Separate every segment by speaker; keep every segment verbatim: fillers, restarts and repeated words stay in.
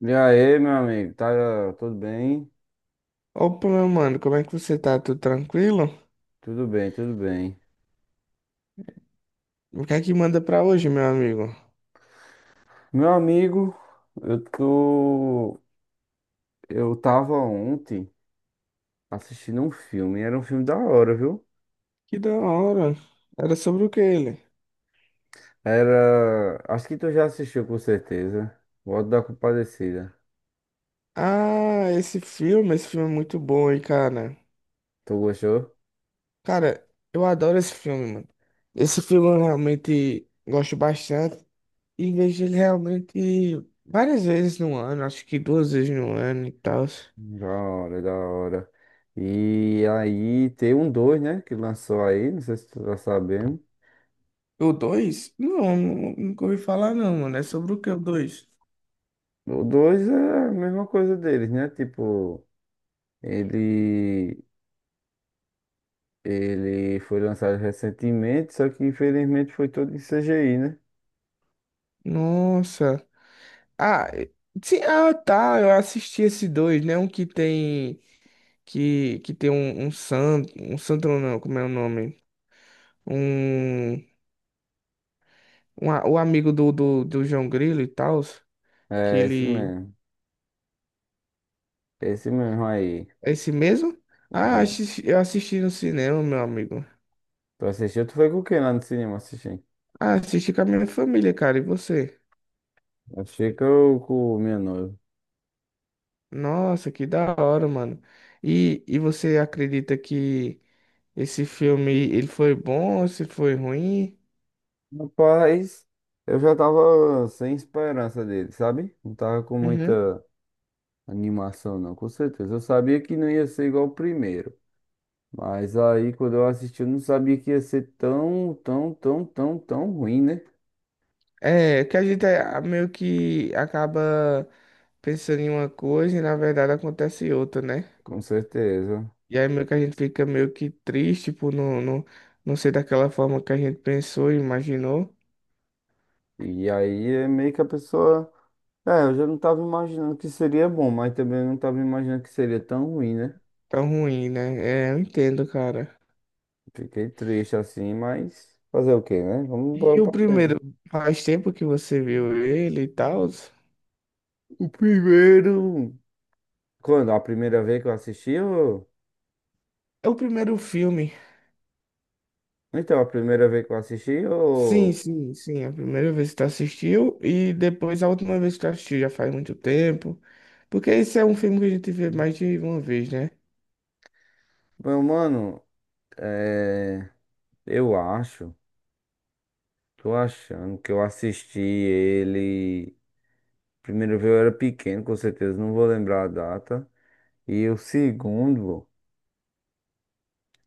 Speaker 1: E aí, meu amigo? Tá tudo bem?
Speaker 2: Opa, meu mano, como é que você tá? Tudo tranquilo?
Speaker 1: Tudo bem, tudo bem.
Speaker 2: O que é que manda pra hoje, meu amigo?
Speaker 1: Meu amigo, eu tô. Eu tava ontem assistindo um filme. Era um filme da hora, viu?
Speaker 2: Que da hora. Era sobre o que ele?
Speaker 1: Era. Acho que tu já assistiu com certeza. O Auto da Compadecida.
Speaker 2: Ah, esse filme, esse filme é muito bom, hein, cara.
Speaker 1: Tu gostou?
Speaker 2: Cara, eu adoro esse filme, mano. Esse filme eu realmente gosto bastante e vejo ele realmente várias vezes no ano, acho que duas vezes no ano e tal.
Speaker 1: Da hora, da hora. E aí tem um dois, né? Que lançou aí. Não sei se tu tá sabendo.
Speaker 2: O dois? Não, nu- nunca ouvi falar não, mano. É sobre o que o dois?
Speaker 1: O dois é a mesma coisa deles, né? Tipo, ele. Ele foi lançado recentemente, só que infelizmente foi todo em C G I, né?
Speaker 2: Nossa. Ah, eh, sim, ah, tá. Eu assisti esses dois, né? Um que tem que, que tem um, um santo, um santo não, não, como é o nome? Um, um a- o amigo do, do, do João Grilo e tal, que
Speaker 1: É, esse
Speaker 2: ele
Speaker 1: mesmo. Esse mesmo aí.
Speaker 2: é esse mesmo? Ah,
Speaker 1: É.
Speaker 2: assisti- eu assisti no cinema, meu amigo.
Speaker 1: Tu assistiu, tu foi com quem lá no cinema assistir?
Speaker 2: Ah, assisti com a minha família, cara. E você?
Speaker 1: Achei que eu com o meu noivo.
Speaker 2: Nossa, que da hora, mano. E, e você acredita que esse filme ele foi bom, se foi ruim?
Speaker 1: Rapaz, eu já tava sem esperança dele, sabe? Não tava com
Speaker 2: Uhum.
Speaker 1: muita animação, não, com certeza. Eu sabia que não ia ser igual o primeiro. Mas aí, quando eu assisti, eu não sabia que ia ser tão, tão, tão, tão, tão ruim, né?
Speaker 2: É, que a gente é- meio que acaba pensando em uma coisa e na verdade acontece outra, né?
Speaker 1: Com certeza.
Speaker 2: E aí meio que a gente fica meio que triste por não, não, não ser daquela forma que a gente pensou e imaginou.
Speaker 1: E aí é meio que a pessoa. É, eu já não tava imaginando que seria bom, mas também não tava imaginando que seria tão ruim, né?
Speaker 2: Tão ruim, né? É, eu entendo, cara.
Speaker 1: Fiquei triste assim, mas fazer o quê, né? Vamos embora
Speaker 2: E o
Speaker 1: pra frente.
Speaker 2: primeiro, faz tempo que você viu ele e tal?
Speaker 1: O primeiro. Quando? A primeira vez que eu assisti, ou...
Speaker 2: É o primeiro filme.
Speaker 1: Então, a primeira vez que eu assisti,
Speaker 2: Sim,
Speaker 1: ou...
Speaker 2: sim, sim. A primeira vez que tu assistiu e depois a última vez que tu assistiu já faz muito tempo. Porque esse é um filme que a gente vê mais de uma vez, né?
Speaker 1: Meu mano, é... eu acho, tô achando que eu assisti ele. Primeiro vez eu era pequeno, com certeza não vou lembrar a data. E o segundo.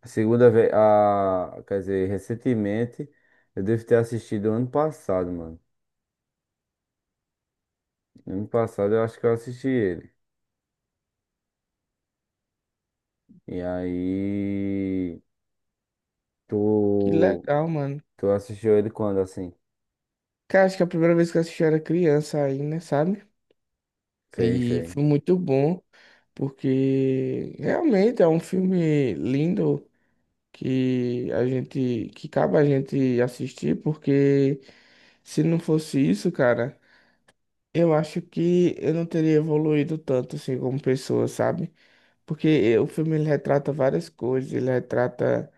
Speaker 1: A segunda vez, a, quer dizer, recentemente, eu devo ter assistido ano passado, mano. Ano passado eu acho que eu assisti ele. E aí,
Speaker 2: Que
Speaker 1: tu,
Speaker 2: legal, mano.
Speaker 1: tu assistiu ele quando, assim?
Speaker 2: Cara, acho que a primeira vez que eu assisti eu era criança ainda, sabe?
Speaker 1: Sei,
Speaker 2: E
Speaker 1: sei.
Speaker 2: foi muito bom, porque realmente é um filme lindo que a gente, que cabe a gente assistir, porque se não fosse isso, cara, eu acho que eu não teria evoluído tanto assim como pessoa, sabe? Porque eh, o filme ele retrata várias coisas, ele retrata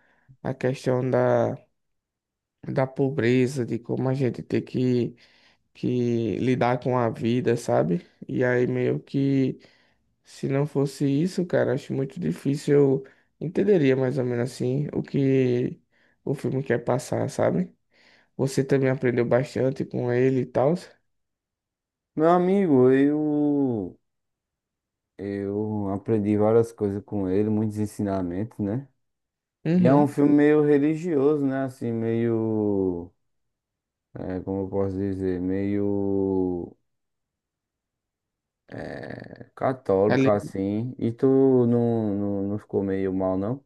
Speaker 2: a questão da, da pobreza, de como a gente tem que que lidar com a vida, sabe? E aí meio que se não fosse isso, cara, acho muito difícil eu entenderia mais ou menos assim o que o filme quer passar, sabe? Você também aprendeu bastante com ele e tal.
Speaker 1: Meu amigo, eu, eu aprendi várias coisas com ele, muitos ensinamentos, né? E é um
Speaker 2: Uhum.
Speaker 1: filme meio religioso, né? Assim, meio, é, como eu posso dizer, meio é, católico,
Speaker 2: Ali
Speaker 1: assim. E tu não, não, não ficou meio mal, não?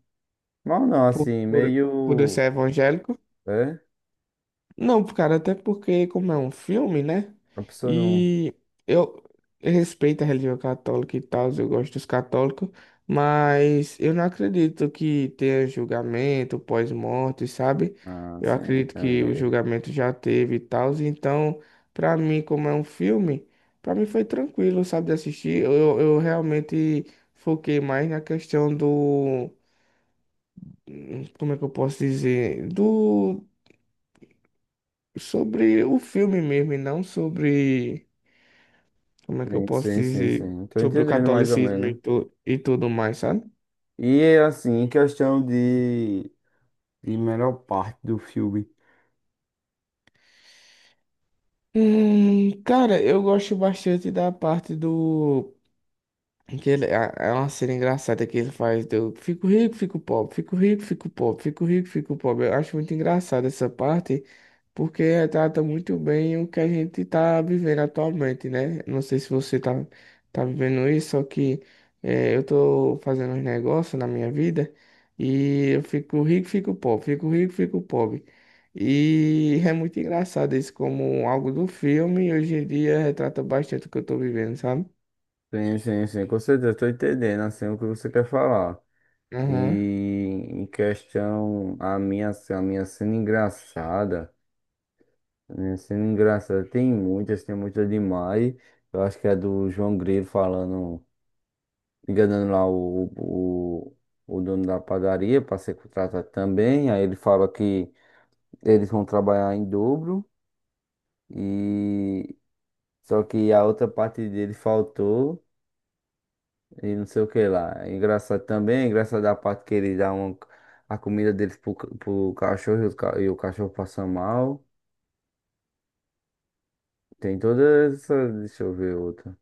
Speaker 1: Mal não,
Speaker 2: por,
Speaker 1: assim,
Speaker 2: por, por eu
Speaker 1: meio.
Speaker 2: ser evangélico.
Speaker 1: É?
Speaker 2: Não, cara, até porque, como é um filme, né?
Speaker 1: A pessoa não.
Speaker 2: E eu respeito a religião católica e tal, eu gosto dos católicos, mas eu não acredito que tenha julgamento pós-morte, sabe?
Speaker 1: Ah,
Speaker 2: Eu
Speaker 1: sim,
Speaker 2: acredito que o
Speaker 1: entendi.
Speaker 2: julgamento já teve e tal, então, pra mim, como é um filme, pra mim foi tranquilo, sabe, de assistir. Eu, eu realmente foquei mais na questão do. Como é que eu posso dizer? Do sobre o filme mesmo, e não sobre, como é que eu
Speaker 1: Sim,
Speaker 2: posso
Speaker 1: sim, sim,
Speaker 2: dizer,
Speaker 1: sim. Tô
Speaker 2: sobre o
Speaker 1: entendendo mais ou
Speaker 2: catolicismo e,
Speaker 1: menos.
Speaker 2: tu, e tudo mais, sabe?
Speaker 1: E assim, em questão de, de melhor parte do filme.
Speaker 2: Hum, cara, eu gosto bastante da parte do que ele, é é uma cena engraçada que ele faz do fico rico, fico pobre, fico rico, fico pobre, fico rico, fico pobre. Eu acho muito engraçada essa parte, porque retrata muito bem o que a gente tá vivendo atualmente, né? Não sei se você tá, tá vivendo isso, só que é, eu tô fazendo uns negócios na minha vida e eu fico rico, fico pobre, fico rico, fico pobre. E é muito engraçado isso como algo do filme, hoje em dia retrata bastante o que eu tô vivendo, sabe?
Speaker 1: Sim, sim, sim, com certeza, tô entendendo, assim, o que você quer falar. E
Speaker 2: Aham.
Speaker 1: em questão, a minha, a minha cena engraçada. Né, sendo engraçado, tem muitas, tem muitas demais. Eu acho que é do João Grilo falando, enganando lá o, o, o dono da padaria para ser contratado também. Aí ele fala que eles vão trabalhar em dobro e só que a outra parte dele faltou e não sei o que lá. É engraçado também, é engraçado a parte que ele dá uma, a comida deles pro, ca- pro cachorro e o, ca- e o cachorro passa mal. Tem toda essa. Deixa eu ver outra.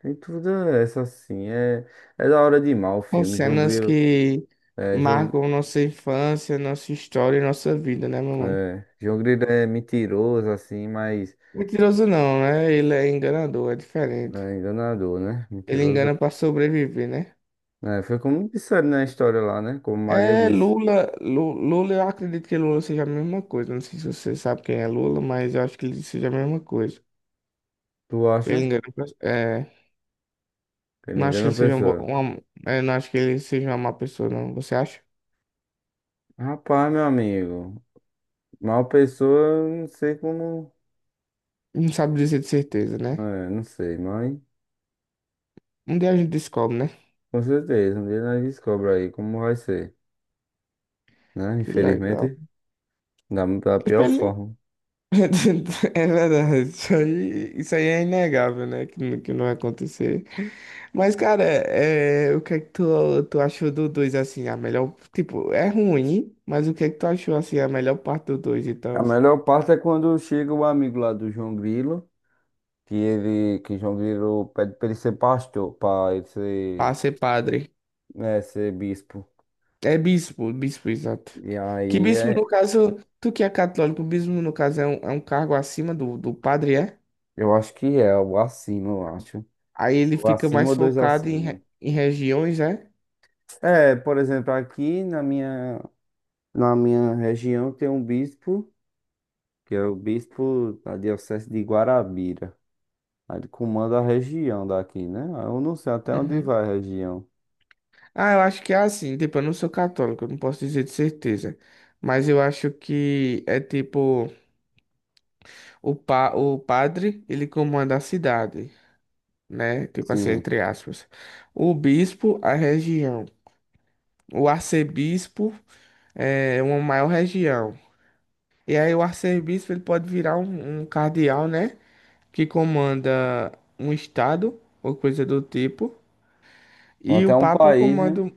Speaker 1: Tem tudo essa assim. É, é da hora demais o
Speaker 2: São
Speaker 1: filme. João
Speaker 2: cenas
Speaker 1: Grilo
Speaker 2: que
Speaker 1: é, João,
Speaker 2: marcam nossa infância, nossa história e nossa vida, né, meu mano?
Speaker 1: é, João Grilo é mentiroso, assim, mas
Speaker 2: Mentiroso não, né? Ele é enganador, é diferente.
Speaker 1: é enganador, né?
Speaker 2: Ele
Speaker 1: Mentiroso.
Speaker 2: engana pra sobreviver, né?
Speaker 1: É, foi como disseram na história lá, né? Como Maria
Speaker 2: É
Speaker 1: disse.
Speaker 2: Lula, Lu- Lula, eu acredito que Lula seja a mesma coisa. Não sei se você sabe quem é Lula, mas eu acho que ele seja a mesma coisa.
Speaker 1: Tu
Speaker 2: Ele
Speaker 1: acha
Speaker 2: engana pra, é,
Speaker 1: que ele
Speaker 2: não acho que
Speaker 1: engana a
Speaker 2: ele seja um, bo-
Speaker 1: pessoa?
Speaker 2: uma, é, não acho que ele seja uma má pessoa, não. Você acha?
Speaker 1: Rapaz, meu amigo. Mal pessoa, eu não sei como.
Speaker 2: Não sabe dizer de certeza, né?
Speaker 1: É, não sei, mas
Speaker 2: Um dia a gente descobre, né?
Speaker 1: com certeza. Um dia nós descobre aí como vai ser, né?
Speaker 2: Que legal.
Speaker 1: Infelizmente, da, da pior forma.
Speaker 2: É verdade, isso aí, isso aí é inegável, né? Que, não- que não vai acontecer. Mas, cara, é, é, o que é que tu, tu achou do dois assim, a melhor... Tipo, é ruim, mas o que é que tu achou, assim, a melhor parte do dois?
Speaker 1: A
Speaker 2: Então?
Speaker 1: melhor parte é quando chega o amigo lá do João Grilo, que ele, que João Grilo pede pra ele ser pastor, pra ele ser,
Speaker 2: Ah, ser padre.
Speaker 1: né, ser bispo.
Speaker 2: É bispo, bispo, exato.
Speaker 1: E
Speaker 2: Que
Speaker 1: aí
Speaker 2: bispo, no
Speaker 1: é,
Speaker 2: caso, tu que é católico, bispo, no caso, é um, é um cargo acima do, do padre, é?
Speaker 1: eu acho que é o acima, eu acho.
Speaker 2: Aí ele
Speaker 1: O
Speaker 2: fica
Speaker 1: acima
Speaker 2: mais
Speaker 1: ou dois
Speaker 2: focado em,
Speaker 1: acima.
Speaker 2: re- em regiões, é?
Speaker 1: É, por exemplo, aqui na minha, na minha região tem um bispo, que é o bispo da Diocese de Guarabira. Aí ele comanda a região daqui, né? Aí eu não sei até onde vai a região.
Speaker 2: Ah, eu acho que é assim, tipo, eu não sou católico, eu não posso dizer de certeza. Mas eu acho que é tipo, o, pa o padre, ele comanda a cidade, né? Tipo assim,
Speaker 1: Sim,
Speaker 2: entre aspas. O bispo, a região. O arcebispo é uma maior região. E aí o arcebispo, ele pode virar um, um cardeal, né? Que comanda um estado, ou coisa do tipo.
Speaker 1: ou
Speaker 2: E o
Speaker 1: até um
Speaker 2: papa
Speaker 1: país, né?
Speaker 2: comanda, o-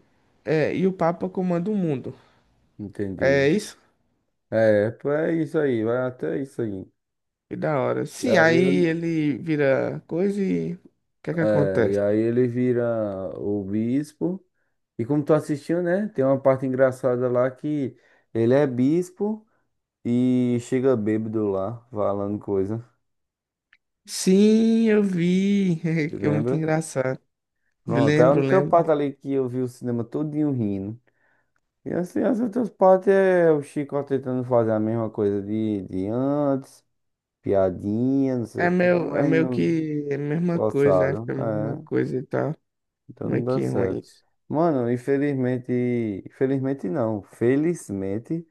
Speaker 2: é, e o papa comanda o mundo.
Speaker 1: Entendi.
Speaker 2: É isso?
Speaker 1: É, pô, é isso aí, vai até isso aí.
Speaker 2: Que da hora.
Speaker 1: E
Speaker 2: Sim,
Speaker 1: aí,
Speaker 2: aí
Speaker 1: eu-
Speaker 2: ele vira coisa e o que é que
Speaker 1: É, e
Speaker 2: acontece?
Speaker 1: aí ele vira o bispo. E como tu assistiu, né? Tem uma parte engraçada lá que ele é bispo e chega bêbado lá, falando coisa.
Speaker 2: Sim, eu vi.
Speaker 1: Você
Speaker 2: Que é muito
Speaker 1: lembra?
Speaker 2: engraçado.
Speaker 1: Pronto, é a
Speaker 2: Lembro,
Speaker 1: única
Speaker 2: lembro.
Speaker 1: parte ali que eu vi o cinema todinho rindo. E assim, as outras partes é o Chico tentando fazer a mesma coisa de, de antes, piadinha, não sei
Speaker 2: É
Speaker 1: o quê,
Speaker 2: meio, é
Speaker 1: mas
Speaker 2: meio
Speaker 1: não
Speaker 2: que é a mesma coisa, né?
Speaker 1: forçado.
Speaker 2: Fica a mesma coisa e tal.
Speaker 1: Então
Speaker 2: Como é
Speaker 1: não dá
Speaker 2: que é ruim
Speaker 1: certo.
Speaker 2: isso?
Speaker 1: Mano, infelizmente. Infelizmente não. Felizmente,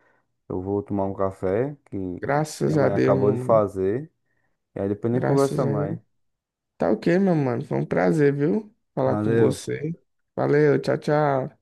Speaker 1: eu vou tomar um café que minha
Speaker 2: Graças a
Speaker 1: mãe
Speaker 2: Deus,
Speaker 1: acabou
Speaker 2: meu
Speaker 1: de
Speaker 2: mano.
Speaker 1: fazer. E aí depois nem conversa
Speaker 2: Graças a
Speaker 1: mais.
Speaker 2: Deus. Tá ok, meu mano. Foi um prazer, viu? Falar com
Speaker 1: Valeu.
Speaker 2: você. Valeu, tchau, tchau.